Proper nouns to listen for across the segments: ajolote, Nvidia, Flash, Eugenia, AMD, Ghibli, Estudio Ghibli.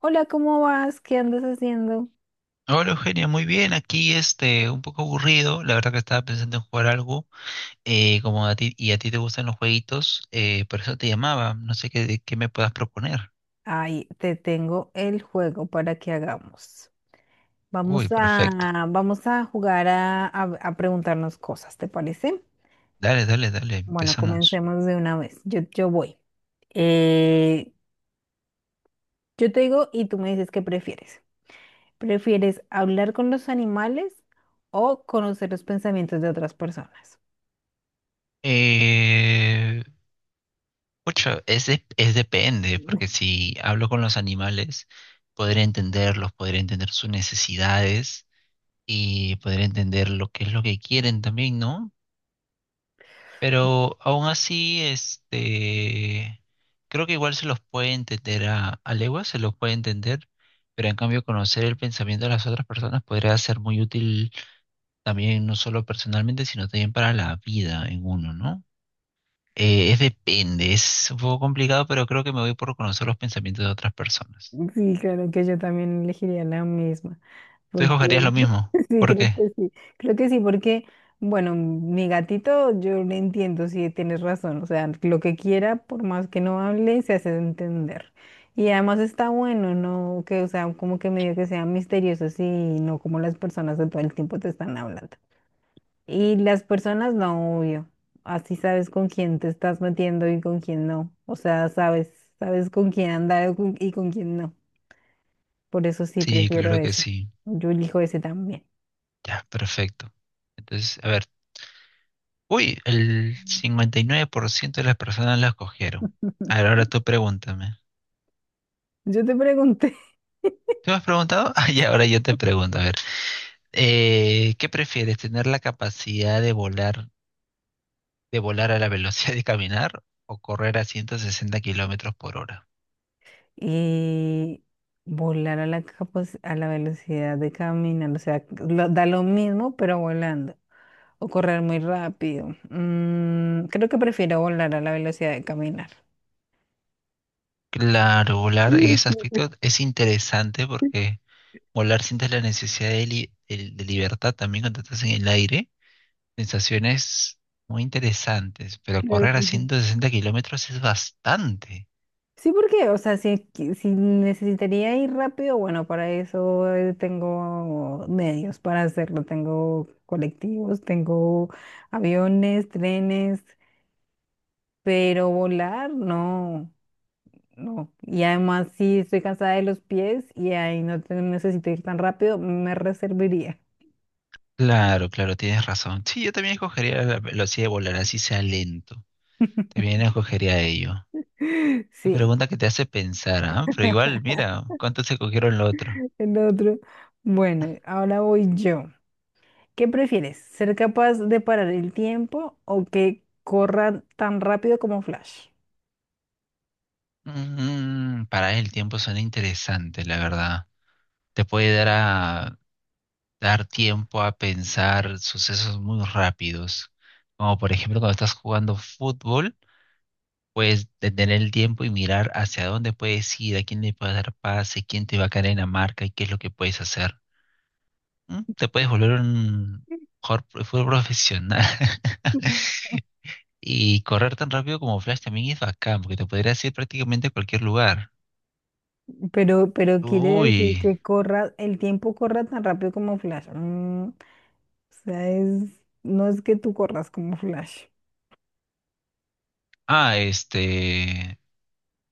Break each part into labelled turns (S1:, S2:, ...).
S1: Hola, ¿cómo vas? ¿Qué andas haciendo?
S2: Hola, Eugenia, muy bien, aquí este, un poco aburrido, la verdad que estaba pensando en jugar algo, como a ti, y a ti te gustan los jueguitos, por eso te llamaba, no sé qué, de qué me puedas proponer.
S1: Ay, te tengo el juego para que hagamos. Vamos
S2: Uy, perfecto,
S1: a, vamos a jugar a preguntarnos cosas, ¿te parece?
S2: dale, dale, dale,
S1: Bueno,
S2: empezamos.
S1: comencemos de una vez. Yo voy. Eh, yo te digo y tú me dices qué prefieres. ¿Prefieres hablar con los animales o conocer los pensamientos de otras personas?
S2: Eh, Pucha, es depende, porque si hablo con los animales, podré entenderlos, podré entender sus necesidades y podré entender lo que es lo que quieren también, ¿no? Pero aún así, este, creo que igual se los puede entender a leguas, se los puede entender, pero en cambio conocer el pensamiento de las otras personas podría ser muy útil también, no solo personalmente, sino también para la vida en uno, ¿no? Es depende, es un poco complicado, pero creo que me voy por conocer los pensamientos de otras personas.
S1: Sí, claro que yo también elegiría la misma.
S2: ¿Tú escogerías lo
S1: Porque
S2: mismo?
S1: sí,
S2: ¿Por
S1: creo
S2: qué?
S1: que sí, creo que sí, porque, bueno, mi gatito, yo le entiendo, sí, tienes razón, o sea, lo que quiera, por más que no hable, se hace entender. Y además está bueno, ¿no? Que, o sea, como que medio que sean misteriosos y no como las personas de todo el tiempo te están hablando. Y las personas, no, obvio, así sabes con quién te estás metiendo y con quién no, o sea, sabes, sabes con quién andar y con quién no. Por eso sí,
S2: Sí,
S1: prefiero
S2: claro que
S1: ese.
S2: sí.
S1: Yo elijo ese también.
S2: Ya, perfecto. Entonces, a ver. Uy, el 59% de las personas la escogieron. A ver, ahora tú pregúntame.
S1: Yo te pregunté,
S2: ¿Qué me has preguntado? Ah, ya, ahora yo te pregunto. A ver, ¿qué prefieres? ¿Tener la capacidad de volar a la velocidad de caminar o correr a 160 kilómetros por hora?
S1: y volar a la, capac- a la velocidad de caminar, o sea, lo- da lo mismo, pero volando, o correr muy rápido. Mm, creo que prefiero volar a la velocidad de caminar.
S2: Claro, volar en ese aspecto es interesante porque volar sientes la necesidad de, de libertad también cuando estás en el aire. Sensaciones muy interesantes, pero
S1: Claro
S2: correr a
S1: que sí.
S2: 160 kilómetros es bastante.
S1: Sí, porque, o sea, si, qui- si necesitaría ir rápido, bueno, para eso tengo medios para hacerlo. Tengo colectivos, tengo aviones, trenes, pero volar, no. No. Y además, si estoy cansada de los pies y ahí no te- necesito ir tan rápido, me reservaría.
S2: Claro, claro, tienes razón. Sí, yo también escogería la velocidad de volar, así sea lento. También escogería ello. La
S1: Sí,
S2: pregunta que te hace pensar, ¿ah? Pero igual, mira, ¿cuántos se cogieron lo otro?
S1: el otro. Bueno, ahora voy yo. ¿Qué prefieres? ¿Ser capaz de parar el tiempo o que corra tan rápido como Flash?
S2: Mm, para el tiempo suena interesante, la verdad. Te puede dar a dar tiempo a pensar sucesos muy rápidos. Como por ejemplo, cuando estás jugando fútbol, puedes detener el tiempo y mirar hacia dónde puedes ir, a quién le puedes dar pase, quién te va a caer en la marca y qué es lo que puedes hacer. ¿Mm? Te puedes volver un jugador de fútbol profesional. Y correr tan rápido como Flash también es bacán, porque te podrías ir prácticamente a cualquier lugar.
S1: Pero quiere decir
S2: Uy.
S1: que corra, el tiempo corra tan rápido como Flash. Mm, o sea, es, no es que tú corras como Flash,
S2: Ah, este.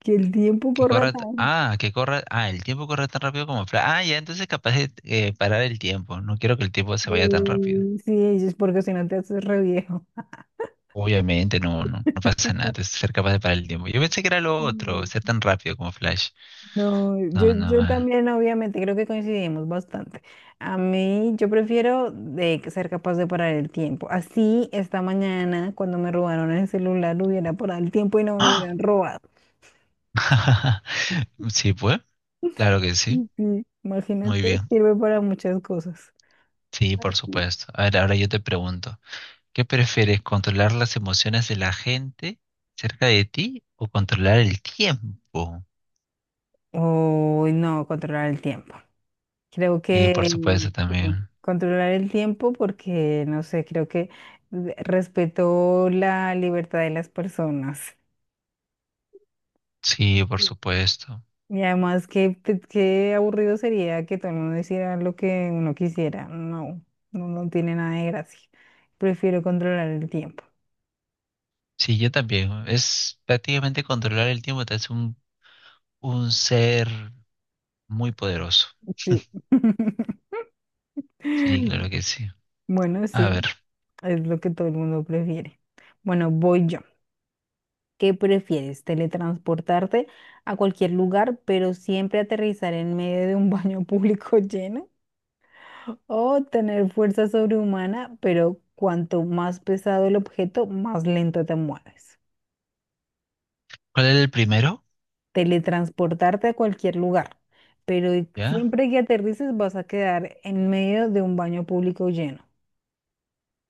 S1: que el tiempo
S2: Que
S1: corra
S2: corra.
S1: tan.
S2: Ah, que corra. Ah, el tiempo corre tan rápido como Flash. Ah, ya, entonces capaz de parar el tiempo. No quiero que el tiempo se vaya tan rápido.
S1: Sí, es porque si no te haces re viejo.
S2: Obviamente, no, no, no pasa nada. Entonces, ser capaz de parar el tiempo. Yo pensé que era lo otro,
S1: Mm,
S2: ser tan rápido como Flash.
S1: no, yo,
S2: No, no.
S1: yo
S2: Ah.
S1: también obviamente creo que coincidimos bastante. A mí yo prefiero de ser capaz de parar el tiempo. Así esta mañana cuando me robaron el celular hubiera parado el tiempo y no me lo
S2: ¡Ah!
S1: hubieran robado.
S2: Sí, pues. Claro que sí.
S1: Mm, sí,
S2: Muy
S1: imagínate,
S2: bien.
S1: sirve para muchas cosas.
S2: Sí, por supuesto. A ver, ahora yo te pregunto, ¿qué prefieres, controlar las emociones de la gente cerca de ti o controlar el tiempo?
S1: Uy, no, controlar el tiempo. Creo
S2: Y por
S1: que
S2: supuesto
S1: mm,
S2: también.
S1: controlar el tiempo porque, no sé, creo que respeto la libertad de las personas.
S2: Sí, por supuesto.
S1: Y además, qué, pe- qué aburrido sería que todo el mundo hiciera lo que uno quisiera. No, no, no tiene nada de gracia. Prefiero controlar el tiempo.
S2: Sí, yo también. Es prácticamente controlar el tiempo, te hace un ser muy poderoso.
S1: Sí.
S2: Sí, claro que sí.
S1: Bueno,
S2: A ver,
S1: sí, es lo que todo el mundo prefiere. Bueno, voy yo. ¿Qué prefieres? ¿Teletransportarte a cualquier lugar, pero siempre aterrizar en medio de un baño público lleno? ¿O tener fuerza sobrehumana, pero cuanto más pesado el objeto, más lento te mueves?
S2: ¿cuál era el primero?
S1: Teletransportarte a cualquier lugar, pero
S2: ¿Ya?
S1: siempre que aterrices vas a quedar en medio de un baño público lleno.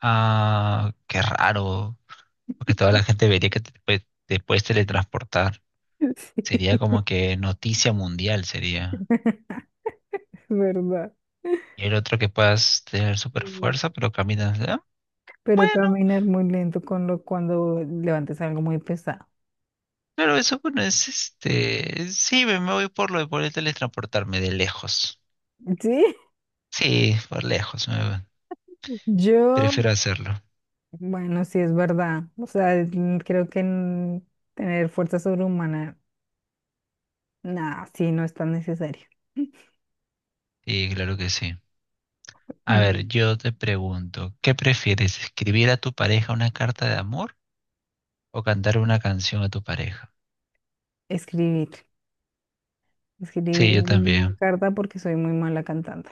S2: Ah, qué raro, porque toda la gente vería que te, te puedes teletransportar.
S1: Sí,
S2: Sería como que noticia mundial sería.
S1: es verdad.
S2: Y el otro que puedas tener super
S1: Mm.
S2: fuerza, pero caminas. Ah,
S1: Pero
S2: bueno,
S1: caminar muy lento con lo, cuando levantes algo muy pesado.
S2: claro, eso bueno, es este. Sí, me voy por lo de poder teletransportarme de lejos.
S1: Sí,
S2: Sí, por lejos,
S1: yo,
S2: prefiero hacerlo.
S1: bueno, sí es verdad. O sea, mm, creo que mm, tener fuerza sobrehumana, nada, sí, no es tan necesario.
S2: Sí, claro que sí. A ver,
S1: Mm,
S2: yo te pregunto, ¿qué prefieres? ¿Escribir a tu pareja una carta de amor o cantar una canción a tu pareja?
S1: escribir, escribir
S2: Sí, yo
S1: una
S2: también.
S1: carta porque soy muy mala cantando.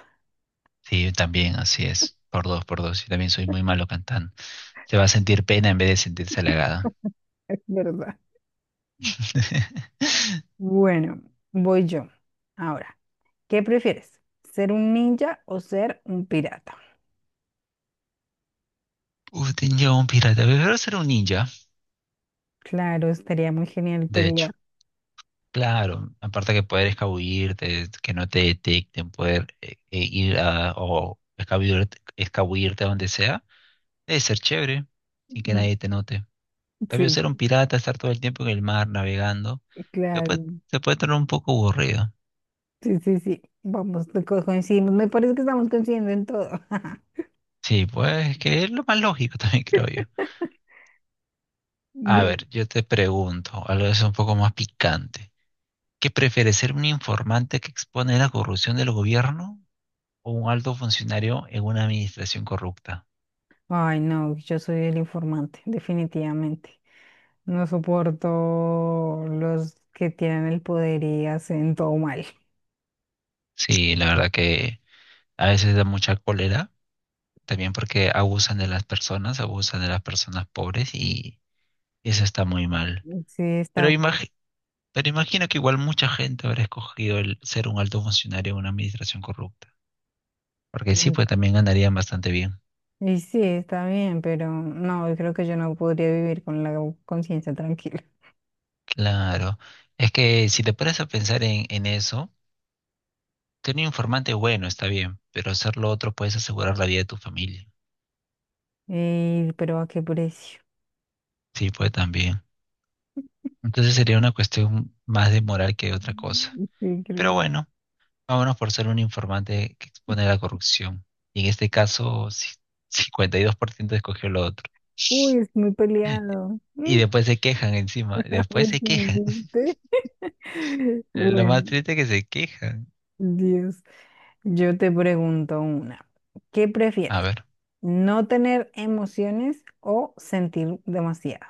S2: Sí, yo también, así es. Por dos, por dos. Yo también soy muy malo cantando. Se va a sentir pena en vez de sentirse halagada.
S1: Es verdad. Bueno, voy yo. Ahora, ¿qué prefieres? ¿Ser un ninja o ser un pirata?
S2: Uf, ninja un pirata. Prefiero ser un ninja,
S1: Claro, estaría muy genial
S2: de hecho.
S1: pelear.
S2: Claro, aparte que poder escabullirte, que no te detecten, poder ir a, o escabullirte a donde sea, debe ser chévere, sin que
S1: Mm,
S2: nadie te note. En cambio,
S1: sí,
S2: ser un pirata, estar todo el tiempo en el mar navegando, se puede,
S1: claro.
S2: se puede tornar un poco aburrido.
S1: Sí, sí, sí. Vamos, co- coincidimos. Me parece que estamos coincidiendo en todo.
S2: Sí, pues que es lo más lógico también, creo yo. A
S1: Sí.
S2: ver, yo te pregunto, algo es un poco más picante. ¿Qué prefieres, ser un informante que expone la corrupción del gobierno o un alto funcionario en una administración corrupta?
S1: Ay, no, yo soy el informante, definitivamente. No soporto los que tienen el poder y hacen todo mal.
S2: Sí, la verdad que a veces da mucha cólera, también porque abusan de las personas, abusan de las personas pobres y eso está muy mal.
S1: Sí,
S2: Pero
S1: está
S2: imagi- pero imagino que igual mucha gente habrá escogido el ser un alto funcionario en una administración corrupta, porque sí,
S1: mal.
S2: pues también ganarían bastante bien.
S1: Y sí, está bien, pero no, yo creo que yo no podría vivir con la conciencia tranquila.
S2: Claro, es que si te pones a pensar en eso, tener un informante bueno está bien, pero hacer lo otro puedes asegurar la vida de tu familia.
S1: Ey, pero ¿a qué precio?
S2: Sí, puede también. Entonces sería una cuestión más de moral que de otra cosa.
S1: Mm, sí, creo
S2: Pero
S1: que-
S2: bueno, vámonos por ser un informante que expone la corrupción. Y en este caso, sí, 52% escogió lo otro.
S1: Uy, es muy peleado.
S2: Y
S1: Mm,
S2: después se quejan encima, después
S1: es
S2: se quejan.
S1: un chiste.
S2: Lo
S1: Bueno,
S2: más triste es que se quejan.
S1: Dios. Yo te pregunto una. ¿Qué
S2: A
S1: prefieres?
S2: ver,
S1: ¿No tener emociones o sentir demasiado?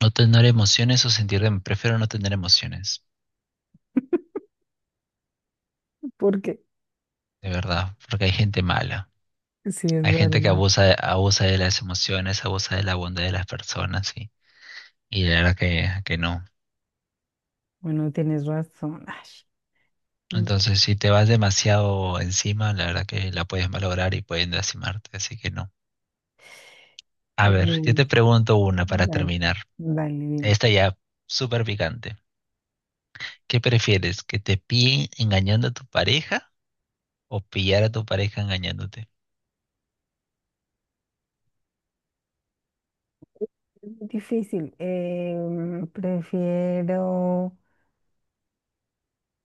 S2: no tener emociones o sentir. Prefiero no tener emociones.
S1: Porque
S2: De verdad, porque hay gente mala.
S1: sí, es
S2: Hay gente que
S1: verdad.
S2: abusa de las emociones, abusa de la bondad de las personas y la verdad que no.
S1: Bueno, tienes razón. Ay, mm,
S2: Entonces, si te vas demasiado encima, la verdad que la puedes malograr y pueden lastimarte, así que no. A ver,
S1: uy,
S2: yo te pregunto una para
S1: dale,
S2: terminar.
S1: dale, dime.
S2: Esta ya súper picante. ¿Qué prefieres? ¿Que te pillen engañando a tu pareja o pillar a tu pareja engañándote?
S1: Difícil. Prefiero.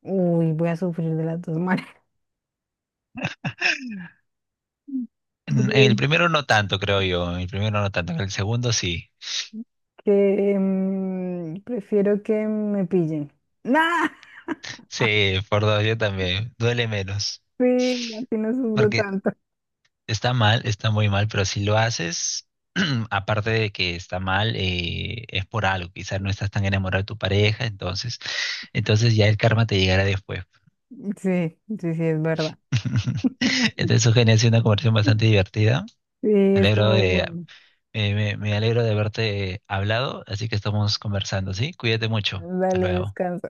S1: Uy, voy a sufrir de las dos maneras.
S2: En el
S1: Pre-
S2: primero no tanto, creo yo. En el primero no tanto. En el segundo sí.
S1: que prefiero que me pillen. ¡Nah!
S2: Sí, por dos, yo también. Duele menos.
S1: Sí, así no sufro
S2: Porque
S1: tanto.
S2: está mal, está muy mal, pero si lo haces, aparte de que está mal, es por algo. Quizás no estás tan enamorado de tu pareja, entonces, ya el karma te llegará después.
S1: Sí, sí, sí, es verdad.
S2: Entonces, Eugenia, ha sido una conversación bastante divertida.
S1: Sí,
S2: Me alegro
S1: estuvo
S2: de,
S1: bueno.
S2: me alegro de haberte hablado, así que estamos conversando, ¿sí? Cuídate mucho. Hasta
S1: Dale,
S2: luego.
S1: descansa.